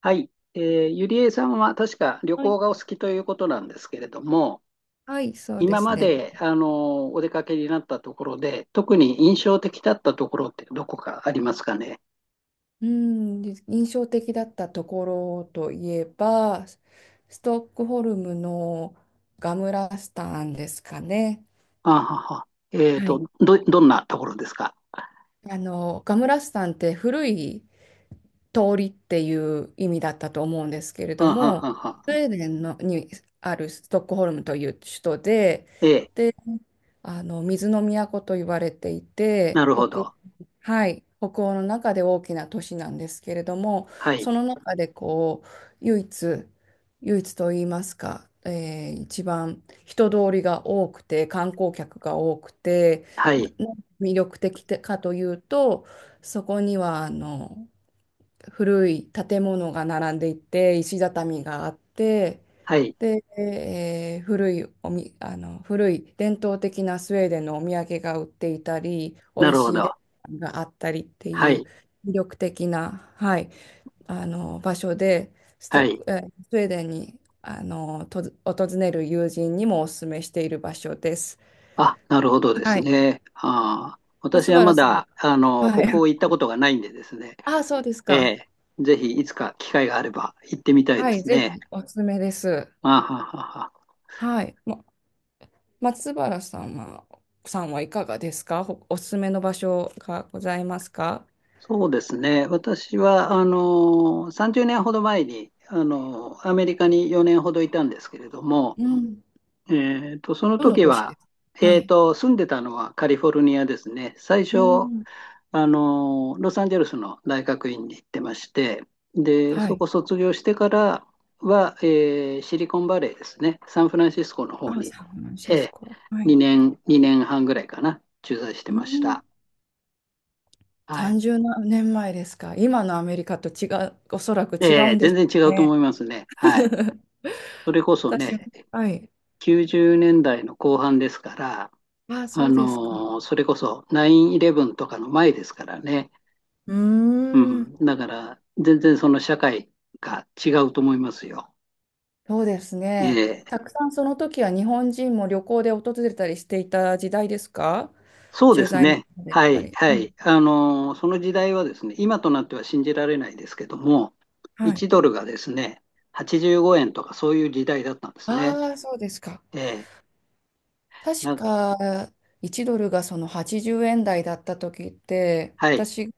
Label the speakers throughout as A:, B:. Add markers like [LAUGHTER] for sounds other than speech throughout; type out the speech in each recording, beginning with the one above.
A: はい、ゆりえさんは確か旅
B: はい。
A: 行がお好きということなんですけれども、
B: はい、そうで
A: 今
B: す
A: ま
B: ね。
A: であのお出かけになったところで、特に印象的だったところってどこかありますかね。
B: うん、で印象的だったところといえば、ストックホルムのガムラスタンですかね。
A: あはは。
B: はい。
A: どんなところですか。
B: ガムラスタンって古い通りっていう意味だったと思うんですけれ
A: あ
B: ど
A: は
B: も、
A: は
B: スウ
A: は。
B: ェーデンのにあるストックホルムという首都で、
A: ええ、
B: で、水の都と言われていて、
A: なるほ
B: 北欧、
A: ど。
B: はい、北欧の中で大きな都市なんですけれども、
A: はい、
B: その中でこう唯一、唯一と言いますか、一番人通りが多くて、観光客が多くて、
A: は
B: な
A: い、
B: な魅力的かというと、そこには古い建物が並んでいて、石畳があって、
A: はい、
B: で、えー古いおみ、あの、古い伝統的なスウェーデンのお土産が売っていたり、美
A: な
B: 味
A: るほ
B: しいレ
A: ど。
B: ストランがあったりって
A: は
B: いう
A: い、
B: 魅力的な、はい、あの場所で、ス
A: は
B: ト、
A: い。
B: スウェーデンにあのと訪れる友人にもお勧めしている場所です。
A: あ、なるほどで
B: は
A: す
B: い。
A: ね。私
B: 松
A: は
B: 原
A: ま
B: さんは、
A: だあの
B: はい。
A: 北欧行ったことがないんでですね。
B: ああ、そうです
A: え
B: か。
A: え、ぜひいつか機会があれば行ってみたい
B: は
A: で
B: い、
A: す
B: ぜ
A: ね。
B: ひおすすめです。
A: あははは。
B: はい。松原さんはいかがですか？おすすめの場所がございますか？
A: そうですね。私は、30年ほど前に、アメリカに4年ほどいたんですけれども、
B: うん、
A: その
B: どの
A: 時
B: 都市で
A: は、
B: すか？はい。
A: 住んでたのはカリフォルニアですね。最初、
B: うん、
A: ロサンゼルスの大学院に行ってまして、で、
B: は
A: そ
B: い。
A: こ卒業してからは、シリコンバレーですね、サンフランシスコの方
B: あ、
A: に、
B: サンフラン
A: え
B: シスコ。はい。
A: 2年、2年半ぐらいかな、駐在して
B: う
A: まし
B: ん。
A: た。はい。
B: 30年前ですか。今のアメリカと違う、おそらく違うんで
A: 全
B: し
A: 然
B: ょ
A: 違
B: う
A: うと思
B: ね。
A: いますね。はい。
B: [LAUGHS]
A: それこそ
B: 私も。
A: ね、
B: はい。
A: 90年代の後半ですから、
B: あ、そうですか。
A: それこそ9-11とかの前ですからね。
B: うー
A: う
B: ん。
A: ん。だから、全然その社会が違うと思いますよ。
B: そうです
A: え
B: ね。
A: え、
B: たくさんその時は日本人も旅行で訪れたりしていた時代ですか？
A: そうで
B: 駐
A: す
B: 在の
A: ね。
B: 方でし
A: は
B: た
A: い、
B: り。
A: は
B: うん、
A: い。その時代はですね、今となっては信じられないですけども、
B: はい。
A: 1ドルがですね、85円とかそういう時代だったんですね。
B: ああ、そうですか。
A: ええ
B: 確
A: な、
B: か、1ドルがその80円台だった時って、
A: はい。
B: 私が、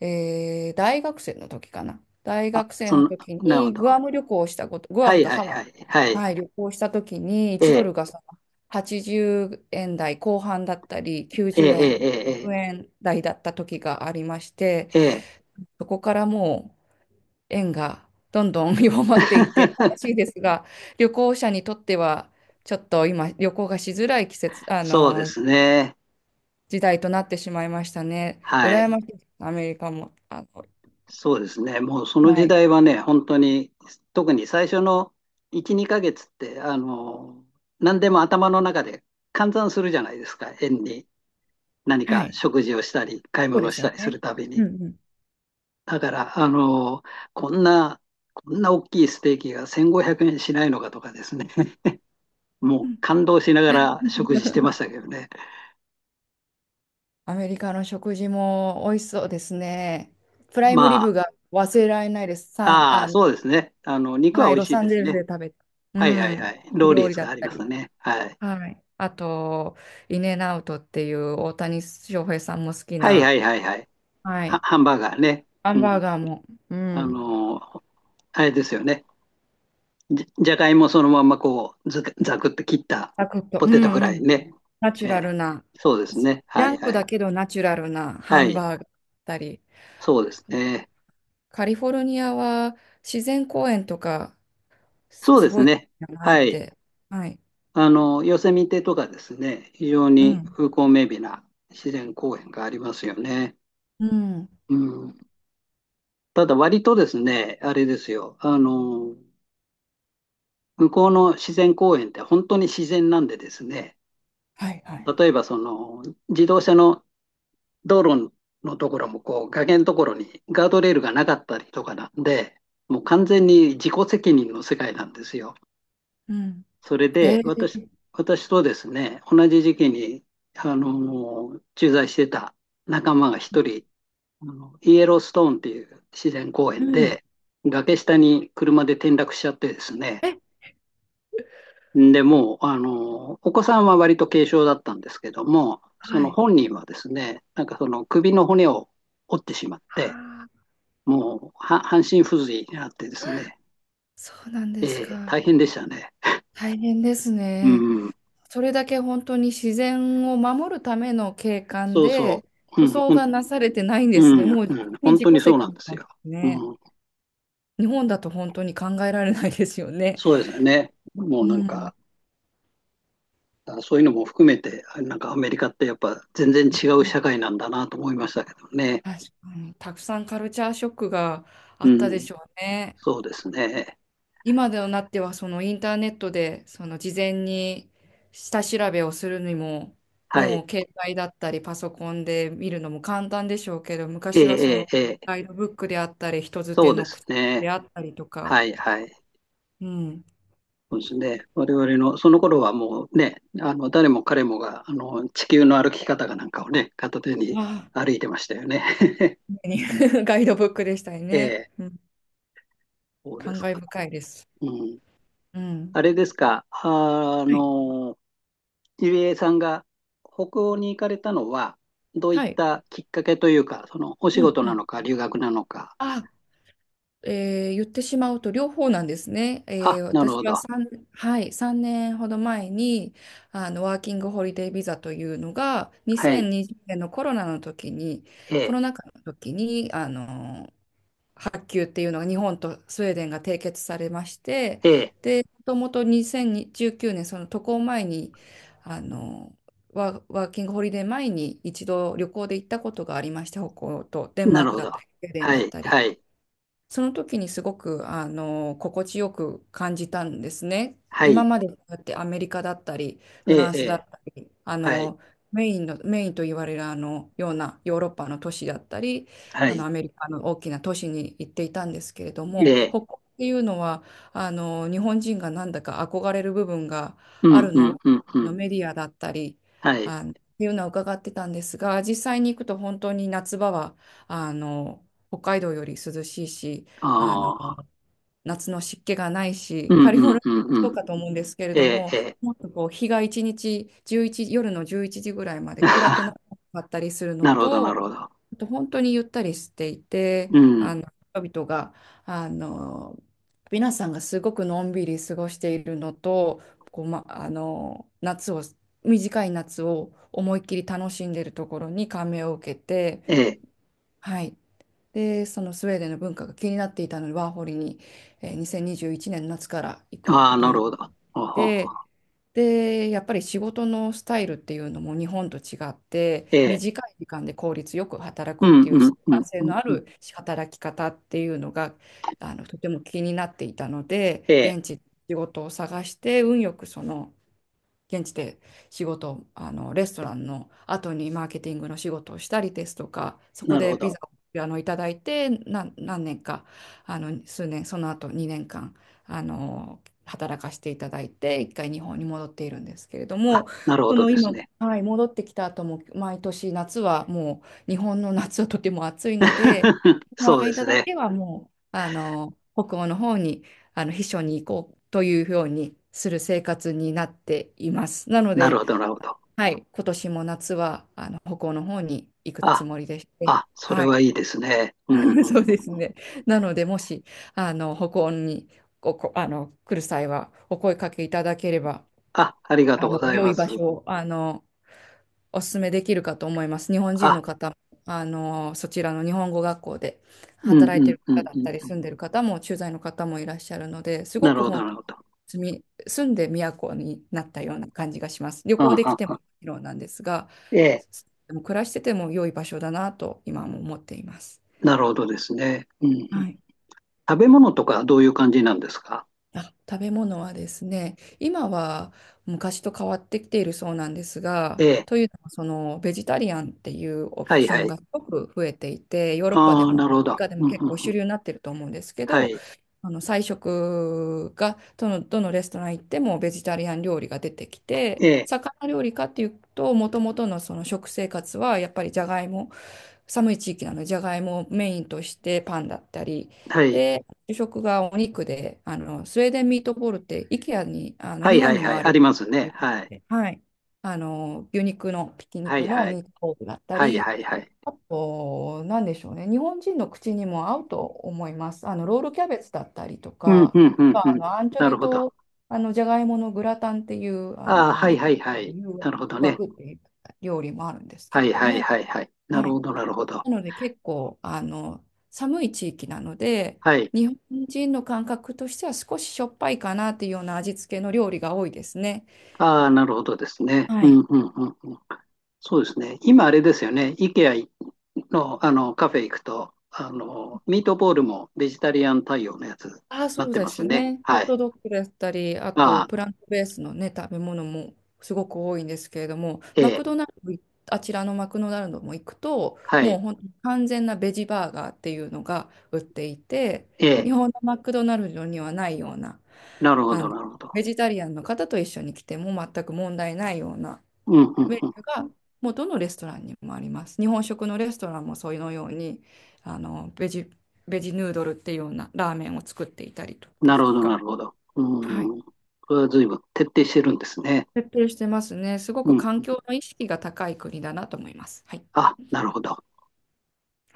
B: 大学生の時かな。大
A: あ、
B: 学生の時
A: なるほ
B: にグ
A: ど。
B: アム旅行をしたこと、グア
A: は
B: ム
A: い、
B: と
A: はい、
B: ハワ
A: は
B: イ、
A: い、はい。
B: はい、旅行した時に
A: え
B: 1ド
A: え
B: ルがその80円台後半だったり、
A: え
B: 90円、
A: ええ
B: 100円台だった時がありまして、
A: えええええ。
B: そこからもう、円がどんどん [LAUGHS] 弱まっていって悲しい
A: [LAUGHS]
B: ですが、旅行者にとってはちょっと今旅行がしづらい季節、
A: そうですね。
B: 時代となってしまいましたね。
A: は
B: 羨
A: い。
B: ましいです、アメリカも。あの、
A: そうですね。もうその
B: は
A: 時
B: い。
A: 代はね、本当に、特に最初の1、2ヶ月って、何でも頭の中で換算するじゃないですか。円に。何
B: は
A: か
B: い。
A: 食事をしたり、買い
B: そう
A: 物
B: で
A: を
B: す
A: した
B: よ
A: りす
B: ね。
A: るたび
B: うん
A: に。
B: うん。
A: だから、こんな、こんな大きいステーキが1500円しないのかとかですね。[LAUGHS] もう感動しながら食事して
B: う
A: まし
B: ん。
A: たけどね。
B: アメリカの食事も美味しそうですね。プライムリ
A: ま
B: ブ
A: あ、
B: が忘れられないです。サン、
A: あ
B: あ
A: あ、
B: の、
A: そうですね。肉は
B: はい、
A: 美味
B: ロ
A: しい
B: サ
A: で
B: ンゼ
A: す
B: ルス
A: ね。
B: で食べた。う
A: はいはいは
B: ん、
A: い。ローリ
B: 料
A: ー
B: 理
A: ズ
B: だ
A: が
B: っ
A: あり
B: た
A: ます
B: り。
A: ね。はい。
B: はい。あと、インエンアウトっていう大谷翔平さんも好き
A: はいは
B: な、
A: いはいはい。
B: はい。
A: ハンバーガーね。
B: ハン
A: う
B: バー
A: ん。
B: ガーも、う
A: あ
B: ん。
A: のー、あれですよね。じゃがいもそのままこう、ず、ざくって切った
B: サクッと、
A: ポ
B: う
A: テトフ
B: んう
A: ライ
B: ん。
A: ね。
B: ナチュ
A: え
B: ラ
A: え。
B: ルな、
A: そうです
B: ジ
A: ね。は
B: ャ
A: い
B: ンク
A: は
B: だ
A: い。
B: けどナチュラルなハ
A: は
B: ン
A: い。
B: バーガーだったり、
A: そうですね。
B: カリフォルニアは自然公園とか、
A: そうで
B: す
A: す
B: ごい綺
A: ね。
B: 麗だなっ
A: はい。
B: て。はい。
A: ヨセミテとかですね、非常
B: う
A: に
B: ん。
A: 風光明媚な自然公園がありますよね。
B: うん。
A: うん。ただ割とですね、あれですよ。向こうの自然公園って本当に自然なんでですね、
B: はいはい。
A: 例えばその自動車の道路のところもこう崖のところにガードレールがなかったりとかなんで、もう完全に自己責任の世界なんですよ。
B: うん。
A: それ
B: え
A: で
B: ー、
A: 私とですね、同じ時期に駐在してた仲間が一人、イエローストーンっていう自然公
B: う
A: 園
B: ん。
A: で崖下に車で転落しちゃってですね、で、もう、お子さんは割と軽症だったんですけども、そ
B: は
A: の
B: い。
A: 本人はですね、なんかその首の骨を折ってしまっ
B: は
A: て、
B: あ、
A: もうは半身不随になってですね、
B: そうなんですか。
A: 大変でしたね。
B: 大変です
A: う
B: ね。
A: ん、
B: それだけ本当に自然を守るための景観
A: そうそ
B: で、
A: う、う
B: 舗
A: ん、
B: 装がなされてないんです
A: う
B: ね。も
A: ん、
B: う本
A: うん、
B: 当に
A: 本
B: 自
A: 当に
B: 己
A: そう
B: 責
A: なん
B: 任
A: です
B: なんで
A: よ。
B: す
A: う
B: ね。
A: ん、
B: 日本だと本当に考えられないですよね。
A: そうですよね。も
B: う
A: うなん
B: ん。
A: か、そういうのも含めて、なんかアメリカってやっぱ全然違う社会なんだなと思いましたけどね。
B: 確かに。たくさんカルチャーショックがあ
A: う
B: ったで
A: ん、
B: しょうね。
A: そうですね。
B: 今でなってはそのインターネットでその事前に下調べをするにも
A: はい。
B: もう携帯だったりパソコンで見るのも簡単でしょうけど、
A: え
B: 昔はそ
A: え
B: の
A: ええええ、
B: ガイドブックであったり人づて
A: そうで
B: の
A: す
B: 口
A: ね。
B: であったりとか、
A: はいはい。
B: うん、
A: そうですね。我々の、その頃はもうね、誰も彼もが、地球の歩き方かなんかをね、片手に
B: ああ、
A: 歩いてましたよね。[LAUGHS]
B: 常に [LAUGHS] ガイドブックでしたよ
A: え
B: ね、
A: え、
B: うん、
A: そうで
B: 感
A: す
B: 慨
A: か。
B: 深いです。
A: うん。
B: うん、
A: あれですか、
B: はい、
A: ゆりえさんが北欧に行かれたのは、どうい
B: は
A: っ
B: い、
A: たきっかけというか、その、お仕
B: うん
A: 事
B: う
A: な
B: ん、
A: のか、留学なのか。
B: あ言ってしまうと両方なんですね。
A: あ、なる
B: 私
A: ほ
B: は
A: ど。
B: 3、はい、3年ほど前にワーキングホリデービザというのが
A: はい。
B: 2020年のコロナの時に、
A: え
B: コロ
A: え、
B: ナ禍の時に発給っていうのが日本とスウェーデンが締結されまして、
A: ええ、
B: でもともと2019年その渡航前にあのワーキングホリデー前に一度旅行で行ったことがありまして、北欧とデンマ
A: な
B: ー
A: る
B: ク
A: ほ
B: だ
A: ど。
B: ったりスウェーデン
A: は
B: だっ
A: い、
B: たり。
A: はい、
B: その時にすごく心地よく感じたんですね。
A: は
B: 今
A: い。
B: までそうやってアメリカだったり
A: え
B: フ
A: え、
B: ラン
A: え
B: スだ
A: え、
B: ったり
A: はい、
B: メインのメインと言われるあのようなヨーロッパの都市だったり
A: はい。
B: アメリカの大きな都市に行っていたんですけれども、
A: ええ、
B: 北欧っていうのは日本人がなんだか憧れる部分が
A: う
B: あ
A: ん
B: る
A: うん
B: の、
A: うんうん。
B: メディアだったり
A: はい。
B: っていうのは伺ってたんですが、実際に行くと本当に夏場はあの北海道より涼しいし、あの、
A: ああ、
B: 夏の湿気がない
A: う
B: し、
A: ん
B: カリフ
A: う
B: ォ
A: ん
B: ルニア
A: う
B: も
A: んう
B: そう
A: ん。
B: かと思うんですけれ
A: え
B: ど
A: え、え
B: も、
A: え。
B: もっとこう日が一日、11、夜の11時ぐらいまで暗くなか
A: [LAUGHS]
B: ったりするの
A: なるほど、なる
B: と、
A: ほど。
B: あと本当にゆったりしていて、
A: う
B: あ
A: ん。
B: の、人々が、あの、皆さんがすごくのんびり過ごしているのと、こう、ま、あの、短い夏を思いっきり楽しんでいるところに感銘を受けて、
A: ええ。
B: はい。で、そのスウェーデンの文化が気になっていたので、ワーホリに、2021年の夏から行く
A: あ
B: こ
A: あ、
B: と
A: な
B: に
A: る
B: し
A: ほど。ほうほう、
B: て、で、やっぱり仕事のスタイルっていうのも日本と違っ
A: え
B: て、
A: え。
B: 短い時間で効率よく働
A: う
B: くっ
A: ん
B: てい
A: う
B: う生
A: んうん
B: 産性
A: うん
B: のあ
A: うん。
B: る働き方っていうのが、あの、とても気になっていたの
A: え
B: で、
A: え。
B: 現地で仕事を探して、運よくその現地で仕事、あの、レストランの後にマーケティングの仕事をしたりですとか、そこ
A: なる
B: で
A: ほ
B: ビ
A: ど。
B: ザをいただいて、何年か、あの、数年、その後2年間、あの、働かせていただいて、一回日本に戻っているんですけれど
A: あ、
B: も、
A: なるほ
B: そ
A: ど
B: の
A: です
B: 今、
A: ね。
B: はい、戻ってきた後も、毎年夏はもう、日本の夏はとても暑いので、
A: [LAUGHS]
B: そ
A: そ
B: の
A: うで
B: 間
A: す
B: だ
A: ね。
B: けはもう、あの、北欧の方に、秘書に行こうというようにする生活になっています。なの
A: なる
B: で、
A: ほど、なるほど。
B: はい、今年も夏は北欧の方に行くつ
A: あ、
B: もりでして、
A: あ、それ
B: は
A: は
B: い、
A: いいですね。うんう
B: [LAUGHS]
A: ん
B: そうです
A: うん。
B: ね。なので、もし北欧に、ここあの来る際はお声かけいただければ、
A: あ、ありがとうござい
B: 良
A: ま
B: い場
A: す。
B: 所をお勧めできるかと思います。日本人
A: あ、
B: の方、あの、そちらの日本語学校で
A: うん
B: 働い
A: う
B: て
A: ん
B: る
A: う
B: 方
A: ん
B: だ
A: う
B: ったり、
A: ん。
B: 住んでる方も、駐在の方もいらっしゃるので、すご
A: なる
B: く
A: ほど、
B: 本
A: な
B: 当
A: る
B: に
A: ほど。
B: 住んで都になったような感じがします。旅行
A: あ
B: でき
A: あ、
B: ても
A: あ
B: も
A: あ、
B: ちろんなんですが、
A: ええ。
B: でも暮らしてても良い場所だなと今も思っています。
A: なるほどですね。うんうん。
B: はい。
A: 食べ物とかどういう感じなんですか？
B: あ、食べ物はですね、今は昔と変わってきているそうなんです
A: え
B: が、
A: え。
B: というのもそのベジタリアンっていうオ
A: は
B: プ
A: い
B: ショ
A: は
B: ン
A: い。
B: がすごく増えていて、ヨーロッパで
A: ああ、
B: も、アメ
A: なるほ
B: リ
A: ど。
B: カでも
A: うんう
B: 結構
A: んう
B: 主
A: ん。
B: 流になってると思うんですけ
A: は
B: ど、
A: い。
B: あの菜食がどのレストラン行ってもベジタリアン料理が出てきて、
A: ええ。
B: 魚料理かっていうと、もともとのその食生活はやっぱりじゃがいも、寒い地域なので、じゃがいもをメインとしてパンだったり、
A: はい。
B: で、主食がお肉で、あの、スウェーデンミートボールって、イケアに、あの、
A: は
B: 日
A: いは
B: 本
A: い
B: に
A: は
B: も
A: い。
B: あ
A: あ
B: る、
A: りますね。はい。
B: はい、あの、牛肉の、ひき
A: は
B: 肉
A: い
B: の
A: は
B: ミ
A: い。
B: ートボールだった
A: はい
B: り、
A: はいはい。
B: あと、なんでしょうね、日本人の口にも合うと思います。あの、ロールキャベツだったりと
A: うん
B: か、
A: うんうんう
B: あ
A: ん。
B: の、アンチョ
A: なる
B: ビ
A: ほど。
B: と、あの、じゃがいものグラタンっていう、あ
A: ああ、
B: の、
A: はい
B: 誘
A: はいはい。なるほどね。
B: 惑っていう料理もあるんですけ
A: は
B: れ
A: い
B: ど
A: はい
B: も、
A: はいはい。な
B: は
A: るほ
B: い、
A: どなるほど。
B: なので結構あの寒い地域なので、
A: はい。
B: 日本人の感覚としては少ししょっぱいかなっていうような味付けの料理が多いですね。
A: ああ、なるほどですね。
B: は
A: うん
B: い。
A: うんうんうん。そうですね。今あれですよね。IKEA の、あのカフェ行くと、ミートボールもベジタリアン対応のやつに
B: ああ、
A: な
B: そ
A: っ
B: う
A: て
B: で
A: ます
B: す
A: ね。
B: ね。ホ
A: は
B: ッ
A: い。
B: トドッグだったり、あと
A: ああ、
B: プラントベースのね、食べ物もすごく多いんですけれども、
A: え
B: マ
A: え、
B: クドナルドい、あちらのマクドナルドも行くと、
A: は
B: もう
A: い、
B: 本当に完全なベジバーガーっていうのが売っていて、
A: ええ、
B: 日本のマクドナルドにはないような、
A: なるほ
B: あ
A: ど、
B: の、
A: なるほど。
B: ベジタリアンの方と一緒に来ても全く問題ないような
A: うん、うん、
B: メニ
A: う
B: ューがもうどのレストランにもあります。日本食のレストランもそういうのようにあのベジ、ベジヌードルっていうようなラーメンを作っていたりと
A: ん。
B: で
A: な
B: す
A: るほ
B: と
A: ど、
B: か、
A: なるほど。
B: はい、
A: うん。これは随分徹底してるんですね。
B: 徹底してますね。すご
A: う
B: く
A: ん。
B: 環境の意識が高い国だなと思います。はい。
A: あ、なるほど。